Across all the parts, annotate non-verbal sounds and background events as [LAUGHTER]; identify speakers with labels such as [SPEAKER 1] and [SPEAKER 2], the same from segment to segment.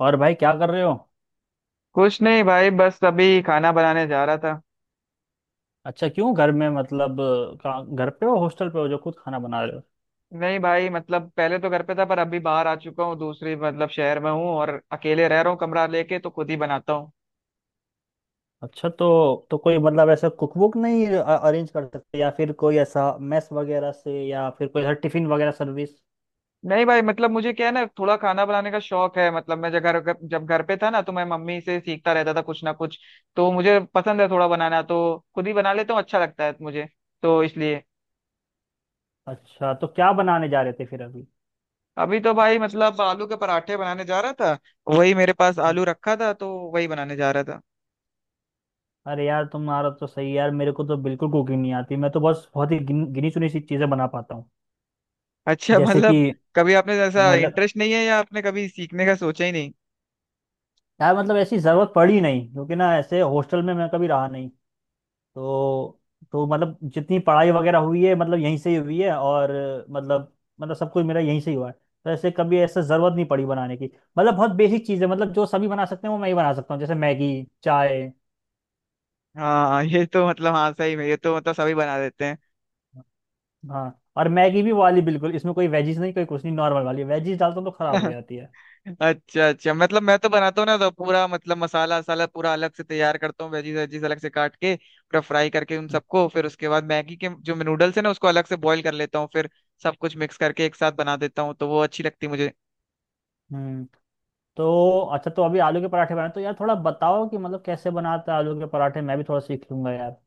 [SPEAKER 1] और भाई क्या कर रहे हो।
[SPEAKER 2] कुछ नहीं भाई, बस अभी खाना बनाने जा रहा था।
[SPEAKER 1] अच्छा क्यों घर में मतलब घर पे हो हॉस्टल पे हो जो खुद खाना बना रहे हो।
[SPEAKER 2] नहीं भाई, मतलब पहले तो घर पे था, पर अभी बाहर आ चुका हूँ। दूसरी मतलब शहर में हूँ और अकेले रह रहा हूँ, कमरा लेके, तो खुद ही बनाता हूँ।
[SPEAKER 1] अच्छा तो कोई मतलब ऐसा कुक बुक नहीं अरेंज कर सकते या फिर कोई ऐसा मेस वगैरह से या फिर कोई ऐसा टिफिन वगैरह सर्विस।
[SPEAKER 2] नहीं भाई, मतलब मुझे क्या है ना, थोड़ा खाना बनाने का शौक है। मतलब मैं जब घर पे था ना, तो मैं मम्मी से सीखता रहता था कुछ ना कुछ। तो मुझे पसंद है थोड़ा बनाना, तो खुद ही बना लेता हूँ, अच्छा लगता है मुझे, तो इसलिए।
[SPEAKER 1] अच्छा तो क्या बनाने जा रहे थे फिर अभी।
[SPEAKER 2] अभी तो भाई, मतलब आलू के पराठे बनाने जा रहा था। वही मेरे पास आलू रखा था, तो वही बनाने जा रहा था।
[SPEAKER 1] अरे यार तुम्हारा तो सही है यार, मेरे को तो बिल्कुल कुकिंग नहीं आती। मैं तो बस बहुत ही गिनी चुनी सी चीजें बना पाता हूँ,
[SPEAKER 2] अच्छा,
[SPEAKER 1] जैसे
[SPEAKER 2] मतलब
[SPEAKER 1] कि
[SPEAKER 2] कभी आपने ऐसा
[SPEAKER 1] मतलब।
[SPEAKER 2] इंटरेस्ट नहीं है, या आपने कभी सीखने का सोचा ही नहीं?
[SPEAKER 1] यार मतलब ऐसी जरूरत पड़ी नहीं, क्योंकि ना ऐसे हॉस्टल में मैं कभी रहा नहीं। तो तो मतलब जितनी पढ़ाई वगैरह हुई है मतलब यहीं से ही हुई है और मतलब मतलब सब कुछ मेरा यहीं से ही हुआ है। तो ऐसे कभी ऐसा जरूरत नहीं पड़ी बनाने की। मतलब बहुत बेसिक चीज़ है, मतलब जो सभी बना सकते हैं वो मैं ही बना सकता हूँ, जैसे मैगी, चाय।
[SPEAKER 2] हाँ, ये तो मतलब, हाँ, सही में, ये तो मतलब सभी बना देते हैं।
[SPEAKER 1] हाँ, और मैगी भी वो वाली बिल्कुल, इसमें कोई वेजीज नहीं कोई कुछ नहीं, नॉर्मल वाली वेजीज डालता हूँ तो खराब हो
[SPEAKER 2] [LAUGHS]
[SPEAKER 1] जाती है।
[SPEAKER 2] अच्छा अच्छा, मतलब मैं तो बनाता हूँ ना, तो पूरा मतलब मसाला वसाला पूरा अलग से तैयार करता हूँ। वेजीज वेजीज अलग से काट के पूरा फ्राई करके उन सबको, फिर उसके बाद मैगी के जो नूडल्स है ना, उसको अलग से बॉईल कर लेता हूँ, फिर सब कुछ मिक्स करके एक साथ बना देता हूँ, तो वो अच्छी लगती है मुझे।
[SPEAKER 1] हम्म। तो अच्छा, तो अभी आलू के पराठे बनाए तो यार थोड़ा बताओ कि मतलब कैसे बनाते हैं आलू के पराठे, मैं भी थोड़ा सीख लूंगा यार।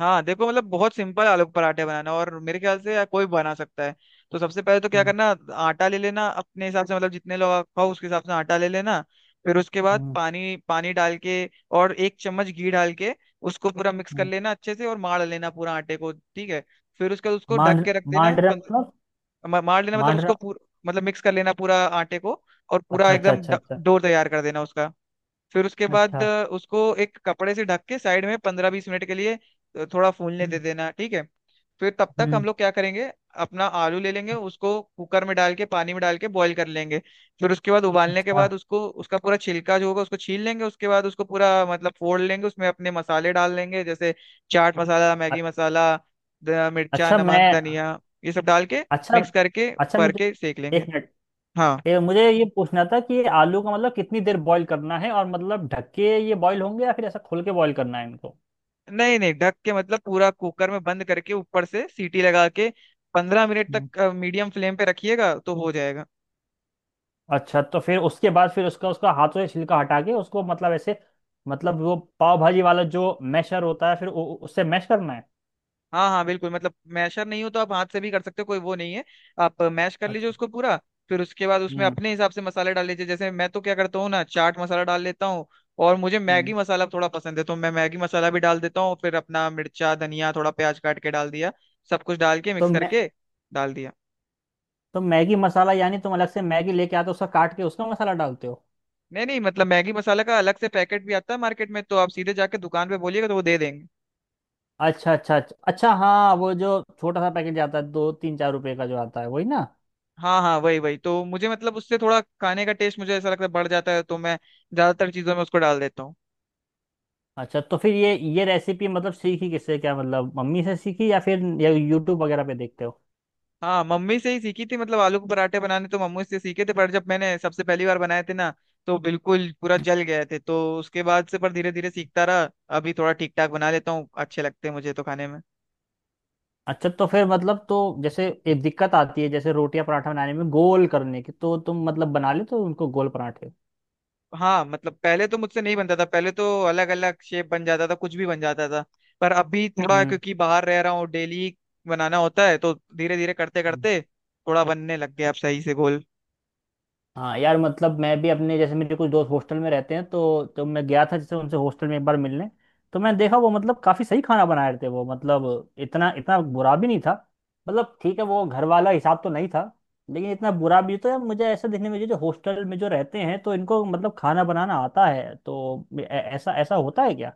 [SPEAKER 2] हाँ देखो, मतलब बहुत सिंपल आलू के पराठे बनाना, और मेरे ख्याल से यार कोई बना सकता है। तो सबसे पहले तो क्या करना, आटा ले लेना अपने हिसाब से, मतलब जितने लोग आप खाओ उसके हिसाब से आटा ले लेना। फिर उसके बाद
[SPEAKER 1] हम्म।
[SPEAKER 2] पानी पानी डाल के, और 1 चम्मच घी डाल के, उसको पूरा मिक्स कर
[SPEAKER 1] हम्म।
[SPEAKER 2] लेना अच्छे से, और मार लेना पूरा आटे को, ठीक है। फिर उसके बाद उसको ढक
[SPEAKER 1] मांड,
[SPEAKER 2] के रख देना
[SPEAKER 1] मांडरा मतलब।
[SPEAKER 2] मार लेना, मतलब
[SPEAKER 1] मांडरा।
[SPEAKER 2] उसको पूरा, मतलब मिक्स कर लेना पूरा आटे को, और पूरा
[SPEAKER 1] अच्छा अच्छा
[SPEAKER 2] एकदम
[SPEAKER 1] अच्छा अच्छा।
[SPEAKER 2] डो तैयार कर देना उसका। फिर उसके बाद
[SPEAKER 1] अच्छा।
[SPEAKER 2] उसको एक कपड़े से ढक के साइड में 15-20 मिनट के लिए थोड़ा फूलने दे
[SPEAKER 1] हम्म।
[SPEAKER 2] देना, ठीक है। फिर तब तक हम
[SPEAKER 1] हम्म,
[SPEAKER 2] लोग क्या करेंगे, अपना आलू ले लेंगे, उसको कुकर में डाल के, पानी में डाल के बॉईल कर लेंगे। फिर उसके बाद उबालने के
[SPEAKER 1] अच्छा।
[SPEAKER 2] बाद उसको उसका पूरा छिलका जो होगा, उसको छील लेंगे। उसके बाद उसको पूरा, मतलब फोड़ लेंगे, उसमें अपने मसाले डाल लेंगे, जैसे चाट मसाला, मैगी
[SPEAKER 1] अ-
[SPEAKER 2] मसाला, मिर्चा,
[SPEAKER 1] अच्छा मैं।
[SPEAKER 2] नमक, धनिया, ये सब डाल के
[SPEAKER 1] अच्छा
[SPEAKER 2] मिक्स करके
[SPEAKER 1] अच्छा
[SPEAKER 2] भर
[SPEAKER 1] मुझे
[SPEAKER 2] के सेक
[SPEAKER 1] एक
[SPEAKER 2] लेंगे।
[SPEAKER 1] मिनट।
[SPEAKER 2] हाँ।
[SPEAKER 1] मुझे ये पूछना था कि ये आलू का मतलब कितनी देर बॉईल करना है और मतलब ढक के ये बॉईल होंगे या फिर ऐसा खोल के बॉईल करना है इनको।
[SPEAKER 2] नहीं नहीं, ढक के, मतलब पूरा कुकर में बंद करके, ऊपर से सीटी लगा के 15 मिनट
[SPEAKER 1] हम्म।
[SPEAKER 2] तक मीडियम फ्लेम पे रखिएगा तो हो जाएगा।
[SPEAKER 1] अच्छा, तो फिर उसके बाद फिर उसका उसका हाथों से छिलका हटा के उसको मतलब ऐसे, मतलब वो पाव भाजी वाला जो मैशर होता है फिर उससे मैश करना है।
[SPEAKER 2] हाँ हाँ बिल्कुल, मतलब मैशर नहीं हो तो आप हाथ से भी कर सकते हो, कोई वो नहीं है। आप मैश कर लीजिए
[SPEAKER 1] अच्छा।
[SPEAKER 2] उसको पूरा। फिर उसके बाद उसमें
[SPEAKER 1] हम्म।
[SPEAKER 2] अपने हिसाब से मसाले डाल लीजिए, जैसे मैं तो क्या करता हूँ ना, चाट मसाला डाल लेता हूँ, और मुझे मैगी
[SPEAKER 1] हम्म।
[SPEAKER 2] मसाला थोड़ा पसंद है, तो मैं मैगी मसाला भी डाल देता हूँ। फिर अपना मिर्चा, धनिया, थोड़ा प्याज काट के डाल दिया, सब कुछ डाल के
[SPEAKER 1] तो
[SPEAKER 2] मिक्स
[SPEAKER 1] मैं।
[SPEAKER 2] करके डाल दिया।
[SPEAKER 1] तो मैगी मसाला यानी तुम अलग से मैगी लेके आते हो उसका, काट के उसका मसाला डालते हो?
[SPEAKER 2] नहीं नहीं, मतलब मैगी मसाला का अलग से पैकेट भी आता है मार्केट में, तो आप सीधे जाके दुकान पे बोलिएगा तो वो दे देंगे।
[SPEAKER 1] अच्छा अच्छा अच्छा अच्छा। हाँ वो जो छोटा सा पैकेट आता है दो तीन चार रुपए का जो आता है वही ना।
[SPEAKER 2] हाँ हाँ, वही वही। तो मुझे, मतलब उससे थोड़ा खाने का टेस्ट मुझे ऐसा लगता है बढ़ जाता है, तो मैं ज्यादातर चीजों में उसको डाल देता हूँ।
[SPEAKER 1] अच्छा, तो फिर ये रेसिपी मतलब सीखी किससे, क्या मतलब मम्मी से सीखी या फिर या यूट्यूब वगैरह पे देखते हो?
[SPEAKER 2] हाँ, मम्मी से ही सीखी थी, मतलब आलू के पराठे बनाने तो मम्मी से सीखे थे। पर जब मैंने सबसे पहली बार बनाए थे ना, तो बिल्कुल पूरा जल गए थे, तो उसके बाद से, पर धीरे धीरे सीखता रहा। अभी थोड़ा ठीक ठाक बना लेता हूँ, अच्छे लगते हैं मुझे तो खाने में।
[SPEAKER 1] अच्छा तो फिर मतलब तो जैसे एक दिक्कत आती है जैसे रोटी या पराठा बनाने में गोल करने की, तो तुम मतलब बना लेते हो उनको गोल पराठे?
[SPEAKER 2] हाँ, मतलब पहले तो मुझसे नहीं बनता था, पहले तो अलग अलग शेप बन जाता था, कुछ भी बन जाता था। पर अभी थोड़ा, क्योंकि बाहर रह रहा हूँ, डेली बनाना होता है, तो धीरे धीरे करते
[SPEAKER 1] हम्म।
[SPEAKER 2] करते थोड़ा बनने लग गया, अब सही से गोल।
[SPEAKER 1] हाँ यार, मतलब मैं भी अपने जैसे मेरे कुछ दोस्त हॉस्टल में रहते हैं, तो जब मैं गया था जैसे उनसे हॉस्टल में एक बार मिलने, तो मैंने देखा वो मतलब काफ़ी सही खाना बना रहे थे। वो मतलब इतना इतना बुरा भी नहीं था, मतलब ठीक है वो घर वाला हिसाब तो नहीं था लेकिन इतना बुरा भी। तो यार मुझे ऐसा देखने में जो हॉस्टल में जो रहते हैं तो इनको मतलब खाना बनाना आता है, तो ऐसा ऐसा होता है क्या?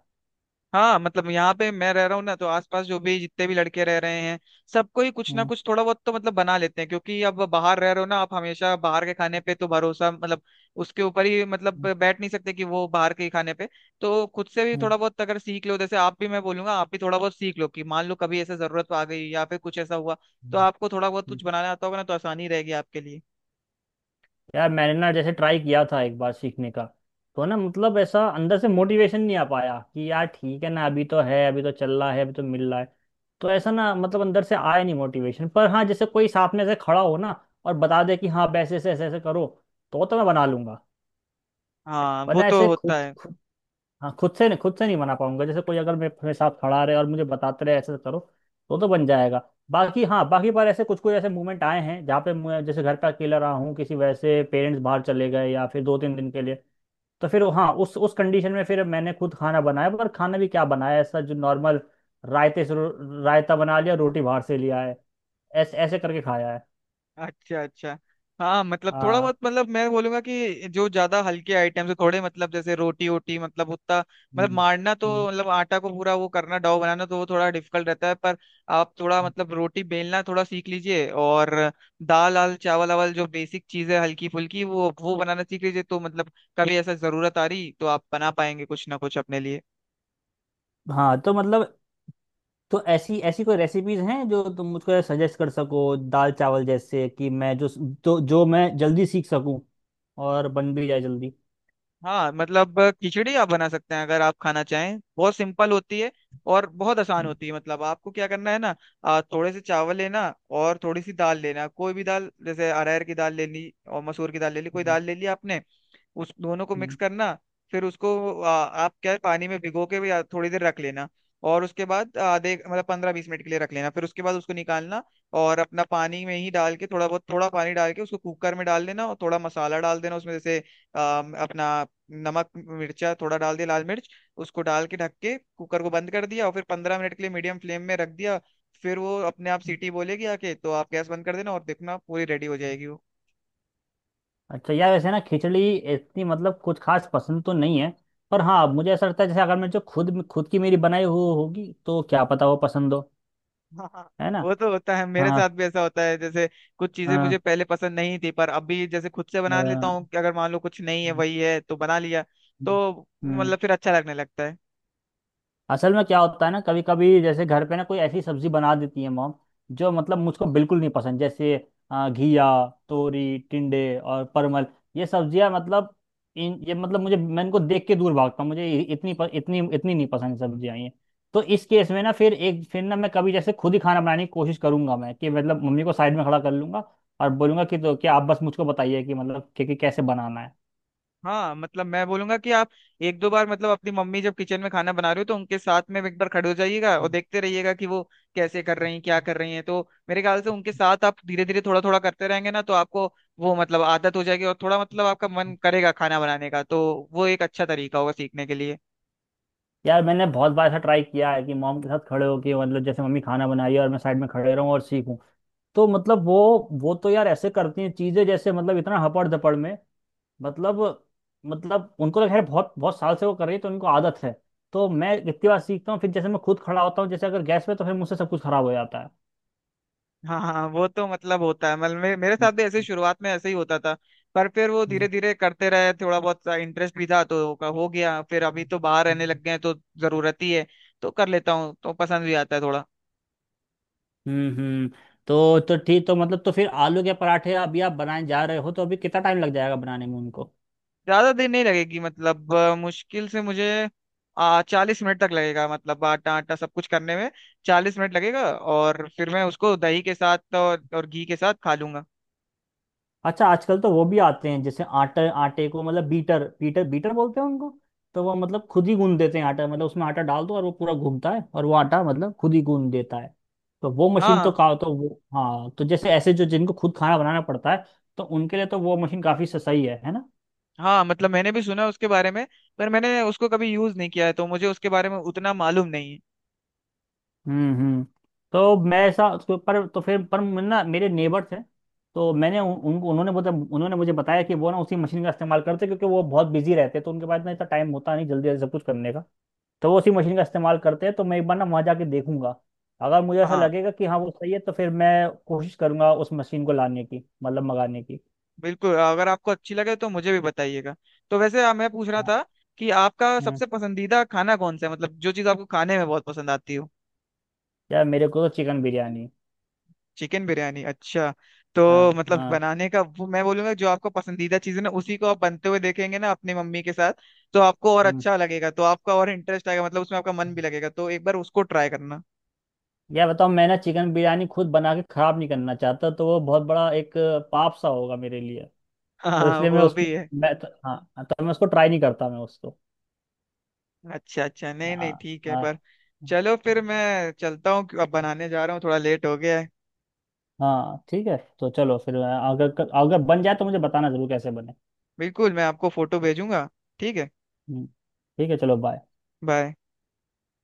[SPEAKER 2] हाँ, मतलब यहाँ पे मैं रह रहा हूँ ना, तो आसपास जो भी जितने भी लड़के रह रहे हैं, सबको ही कुछ ना
[SPEAKER 1] हम्म।
[SPEAKER 2] कुछ थोड़ा बहुत तो मतलब बना लेते हैं, क्योंकि अब बाहर रह रहे हो ना आप, हमेशा बाहर के खाने पे तो भरोसा, मतलब उसके ऊपर ही, मतलब
[SPEAKER 1] हम्म,
[SPEAKER 2] बैठ नहीं सकते कि वो बाहर के ही खाने पे। तो खुद से भी
[SPEAKER 1] हम्म,
[SPEAKER 2] थोड़ा बहुत अगर सीख लो, जैसे आप भी, मैं बोलूंगा आप भी थोड़ा बहुत सीख लो, कि मान लो कभी ऐसे जरूरत आ गई, या फिर कुछ ऐसा हुआ, तो आपको थोड़ा बहुत
[SPEAKER 1] हम्म।
[SPEAKER 2] कुछ बनाना आता होगा ना, तो आसानी रहेगी आपके लिए।
[SPEAKER 1] यार मैंने ना जैसे ट्राई किया था एक बार सीखने का, तो ना मतलब ऐसा अंदर से मोटिवेशन नहीं आ पाया कि यार ठीक है ना, अभी तो है अभी तो चल रहा है अभी तो मिल रहा है, तो ऐसा ना मतलब अंदर से आया नहीं मोटिवेशन। पर हाँ जैसे कोई साथ में ऐसे खड़ा हो ना और बता दे कि हाँ वैसे ऐसे ऐसे ऐसे करो, तो मैं बना लूंगा।
[SPEAKER 2] हाँ, वो
[SPEAKER 1] वरना
[SPEAKER 2] तो
[SPEAKER 1] ऐसे
[SPEAKER 2] होता
[SPEAKER 1] खुद,
[SPEAKER 2] है।
[SPEAKER 1] हाँ खुद से नहीं, खुद से नहीं बना पाऊंगा। जैसे कोई अगर मेरे मेरे साथ खड़ा रहे और मुझे बताते रहे ऐसे करो, तो बन जाएगा। बाकी हाँ बाकी पर ऐसे कुछ कुछ ऐसे मूवमेंट आए हैं जहाँ पे मैं जैसे घर पे अकेला रहा हूँ, किसी वजह से पेरेंट्स बाहर चले गए या फिर दो तीन दिन के लिए, तो फिर हाँ उस कंडीशन में फिर मैंने खुद खाना बनाया। पर खाना भी क्या बनाया, ऐसा जो नॉर्मल रायते से रायता बना लिया, रोटी बाहर से लिया है, ऐसे ऐसे करके खाया है।
[SPEAKER 2] अच्छा अच्छा। हाँ, मतलब थोड़ा
[SPEAKER 1] हाँ।
[SPEAKER 2] बहुत, मतलब मैं बोलूंगा कि जो ज्यादा हल्के आइटम्स है थोड़े, मतलब जैसे रोटी वोटी, मतलब उतना, मतलब
[SPEAKER 1] हम्म,
[SPEAKER 2] मारना तो,
[SPEAKER 1] हम्म।
[SPEAKER 2] मतलब आटा को पूरा वो करना, डो बनाना तो वो थोड़ा डिफिकल्ट रहता है। पर आप थोड़ा,
[SPEAKER 1] हम्म।
[SPEAKER 2] मतलब रोटी बेलना थोड़ा सीख लीजिए, और दाल आल चावल आवल जो बेसिक चीज है हल्की फुल्की, वो बनाना सीख लीजिए, तो मतलब कभी ऐसा जरूरत आ रही तो आप बना पाएंगे कुछ ना कुछ अपने लिए।
[SPEAKER 1] हाँ तो मतलब तो ऐसी ऐसी कोई रेसिपीज हैं जो तुम मुझको सजेस्ट कर सको, दाल चावल जैसे कि मैं जो, तो जो मैं जल्दी सीख सकूं और बन भी जाए जल्दी।
[SPEAKER 2] हाँ, मतलब खिचड़ी आप बना सकते हैं, अगर आप खाना चाहें, बहुत सिंपल होती है और बहुत आसान
[SPEAKER 1] हम्म,
[SPEAKER 2] होती है। मतलब आपको क्या करना है ना, थोड़े से चावल लेना, और थोड़ी सी दाल लेना, कोई भी दाल, जैसे अरहर की दाल ले ली, और मसूर की दाल ले ली, कोई
[SPEAKER 1] हम्म,
[SPEAKER 2] दाल ले ली आपने, उस दोनों को मिक्स
[SPEAKER 1] हम्म।
[SPEAKER 2] करना। फिर उसको आप क्या है, पानी में भिगो के भी थोड़ी देर रख लेना, और उसके बाद आधे, मतलब 15-20 मिनट के लिए रख लेना। फिर उसके बाद उसको निकालना, और अपना पानी में ही डाल के, थोड़ा बहुत थोड़ा पानी डाल के, उसको कुकर में डाल देना, और थोड़ा मसाला डाल देना उसमें, जैसे अपना नमक मिर्चा थोड़ा डाल दिया, लाल मिर्च। उसको डाल के ढक के कुकर को बंद कर दिया, और फिर 15 मिनट के लिए मीडियम फ्लेम में रख दिया। फिर वो अपने आप सीटी बोलेगी आके, तो आप गैस बंद कर देना और देखना, पूरी रेडी हो जाएगी वो।
[SPEAKER 1] अच्छा यार, वैसे ना खिचड़ी इतनी मतलब कुछ खास पसंद तो नहीं है, पर हाँ मुझे ऐसा लगता है जैसे अगर मैं जो खुद खुद की मेरी बनाई हुई होगी तो क्या पता वो पसंद हो,
[SPEAKER 2] हाँ,
[SPEAKER 1] है ना?
[SPEAKER 2] वो तो होता है, मेरे
[SPEAKER 1] हाँ।
[SPEAKER 2] साथ भी ऐसा होता है जैसे, कुछ चीजें
[SPEAKER 1] हाँ।
[SPEAKER 2] मुझे पहले पसंद नहीं थी, पर अभी जैसे खुद से बना लेता
[SPEAKER 1] हाँ,
[SPEAKER 2] हूँ कि अगर मान लो कुछ नहीं है,
[SPEAKER 1] हम्म,
[SPEAKER 2] वही है तो बना लिया, तो
[SPEAKER 1] हम्म।
[SPEAKER 2] मतलब फिर अच्छा लगने लगता है।
[SPEAKER 1] असल में क्या होता है ना, कभी कभी जैसे घर पे ना कोई ऐसी सब्जी बना देती है मॉम, जो मतलब मुझको बिल्कुल नहीं पसंद, जैसे घिया, तोरी, टिंडे और परमल, ये सब्जियां मतलब, इन ये मतलब मुझे, मैं इनको देख के दूर भागता हूँ, मुझे इतनी इतनी नहीं पसंद सब्जियां ये। तो इस केस में ना फिर एक फिर ना मैं कभी जैसे खुद ही खाना बनाने की कोशिश करूंगा मैं, कि मतलब मम्मी को साइड में खड़ा कर लूंगा और बोलूंगा कि तो क्या आप बस मुझको बताइए कि मतलब कि कैसे बनाना है।
[SPEAKER 2] हाँ, मतलब मैं बोलूंगा कि आप एक दो बार, मतलब अपनी मम्मी जब किचन में खाना बना रहे हो, तो उनके साथ में एक बार खड़े हो जाइएगा और
[SPEAKER 1] हम्म।
[SPEAKER 2] देखते रहिएगा कि वो कैसे कर रही हैं, क्या कर रही हैं। तो मेरे ख्याल से उनके साथ आप धीरे धीरे थोड़ा थोड़ा करते रहेंगे ना, तो आपको वो, मतलब आदत हो जाएगी, और थोड़ा, मतलब आपका मन करेगा खाना बनाने का, तो वो एक अच्छा तरीका होगा सीखने के लिए।
[SPEAKER 1] यार मैंने बहुत बार ऐसा ट्राई किया है कि मॉम के साथ खड़े होके, मतलब जैसे मम्मी खाना बनाई है और मैं साइड में खड़े रहूं और सीखूं, तो मतलब वो तो यार ऐसे करती हैं चीजें जैसे मतलब इतना हपड़ धपड़ में, मतलब मतलब उनको तो खैर बहुत बहुत साल से वो कर रही है तो उनको आदत है। तो मैं इतनी बार सीखता हूँ, फिर जैसे मैं खुद खड़ा होता हूँ जैसे अगर गैस पे, तो फिर मुझसे सब कुछ खराब हो जाता है।
[SPEAKER 2] हाँ हाँ, वो तो मतलब होता है। मतलब मेरे साथ भी ऐसे ही शुरुआत में ऐसे ही होता था, पर फिर वो धीरे धीरे करते रहे, थोड़ा बहुत इंटरेस्ट भी था तो का हो गया। फिर अभी तो बाहर रहने
[SPEAKER 1] हम्म।
[SPEAKER 2] लग गए हैं तो जरूरत ही है, तो कर लेता हूँ, तो पसंद भी आता है थोड़ा।
[SPEAKER 1] हम्म। तो ठीक, तो मतलब तो फिर आलू के पराठे अभी आप बनाने जा रहे हो तो अभी कितना टाइम लग जाएगा बनाने में उनको?
[SPEAKER 2] ज्यादा देर नहीं लगेगी, मतलब मुश्किल से मुझे 40 मिनट तक लगेगा, मतलब आटा आटा सब कुछ करने में 40 मिनट लगेगा। और फिर मैं उसको दही के साथ और, घी के साथ खा लूंगा।
[SPEAKER 1] अच्छा आजकल तो वो भी आते हैं जैसे आटे आटे को मतलब बीटर बीटर बीटर बोलते हैं उनको, तो वो मतलब खुद ही गूंद देते हैं आटा, मतलब उसमें आटा डाल दो और वो पूरा घूमता है और वो आटा मतलब खुद ही गूंद देता है। तो वो मशीन तो
[SPEAKER 2] हाँ।
[SPEAKER 1] का तो वो, हाँ, तो जैसे ऐसे जो जिनको खुद खाना बनाना पड़ता है तो उनके लिए तो वो मशीन काफी सही है ना?
[SPEAKER 2] हाँ, मतलब मैंने भी सुना है उसके बारे में, पर मैंने उसको कभी यूज नहीं किया है, तो मुझे उसके बारे में उतना मालूम नहीं है।
[SPEAKER 1] हम्म। हम्म। तो मैं ऐसा उसको, पर तो फिर पर मैं ना मेरे नेबर थे, तो मैंने उन, उन उन्होंने मुझे बताया कि वो ना उसी मशीन का इस्तेमाल करते क्योंकि वो बहुत बिजी रहते, तो उनके पास ना इतना टाइम होता नहीं जल्दी जल्दी सब कुछ करने का, तो वो उसी मशीन का इस्तेमाल करते हैं। तो मैं एक बार ना वहाँ जाके देखूंगा, अगर मुझे ऐसा
[SPEAKER 2] हाँ
[SPEAKER 1] लगेगा कि हाँ वो सही है तो फिर मैं कोशिश करूंगा उस मशीन को लाने की मतलब मंगाने की।
[SPEAKER 2] बिल्कुल, अगर आपको अच्छी लगे तो मुझे भी बताइएगा। तो वैसे मैं पूछ रहा
[SPEAKER 1] हाँ।
[SPEAKER 2] था कि आपका
[SPEAKER 1] हम्म।
[SPEAKER 2] सबसे पसंदीदा खाना कौन सा है, मतलब जो चीज़ आपको खाने में बहुत पसंद आती हो।
[SPEAKER 1] यार मेरे को तो चिकन बिरयानी।
[SPEAKER 2] चिकन बिरयानी, अच्छा। तो
[SPEAKER 1] हाँ।
[SPEAKER 2] मतलब
[SPEAKER 1] हाँ।
[SPEAKER 2] बनाने का, वो मैं बोलूंगा जो आपका पसंदीदा चीज़ है ना, उसी को आप बनते हुए देखेंगे ना अपनी मम्मी के साथ, तो आपको और
[SPEAKER 1] हम्म।
[SPEAKER 2] अच्छा लगेगा, तो आपका और इंटरेस्ट आएगा, मतलब उसमें आपका मन भी लगेगा, तो एक बार उसको ट्राई करना।
[SPEAKER 1] यह बताओ, मैं ना चिकन बिरयानी खुद बना के खराब नहीं करना चाहता, तो वो बहुत बड़ा एक पाप सा होगा मेरे लिए। तो
[SPEAKER 2] हाँ,
[SPEAKER 1] इसलिए मैं
[SPEAKER 2] वो
[SPEAKER 1] उसमें,
[SPEAKER 2] भी है।
[SPEAKER 1] हाँ हाँ, तो मैं उसको ट्राई नहीं करता, मैं उसको।
[SPEAKER 2] अच्छा अच्छा, नहीं
[SPEAKER 1] हाँ।
[SPEAKER 2] नहीं, ठीक है,
[SPEAKER 1] हाँ।
[SPEAKER 2] पर चलो फिर मैं चलता हूँ, अब बनाने जा रहा हूँ, थोड़ा लेट हो गया है।
[SPEAKER 1] हाँ ठीक है, तो चलो फिर अगर अगर बन जाए तो मुझे बताना जरूर कैसे बने।
[SPEAKER 2] बिल्कुल, मैं आपको फोटो भेजूंगा। ठीक है,
[SPEAKER 1] हम्म, ठीक है, चलो बाय।
[SPEAKER 2] बाय।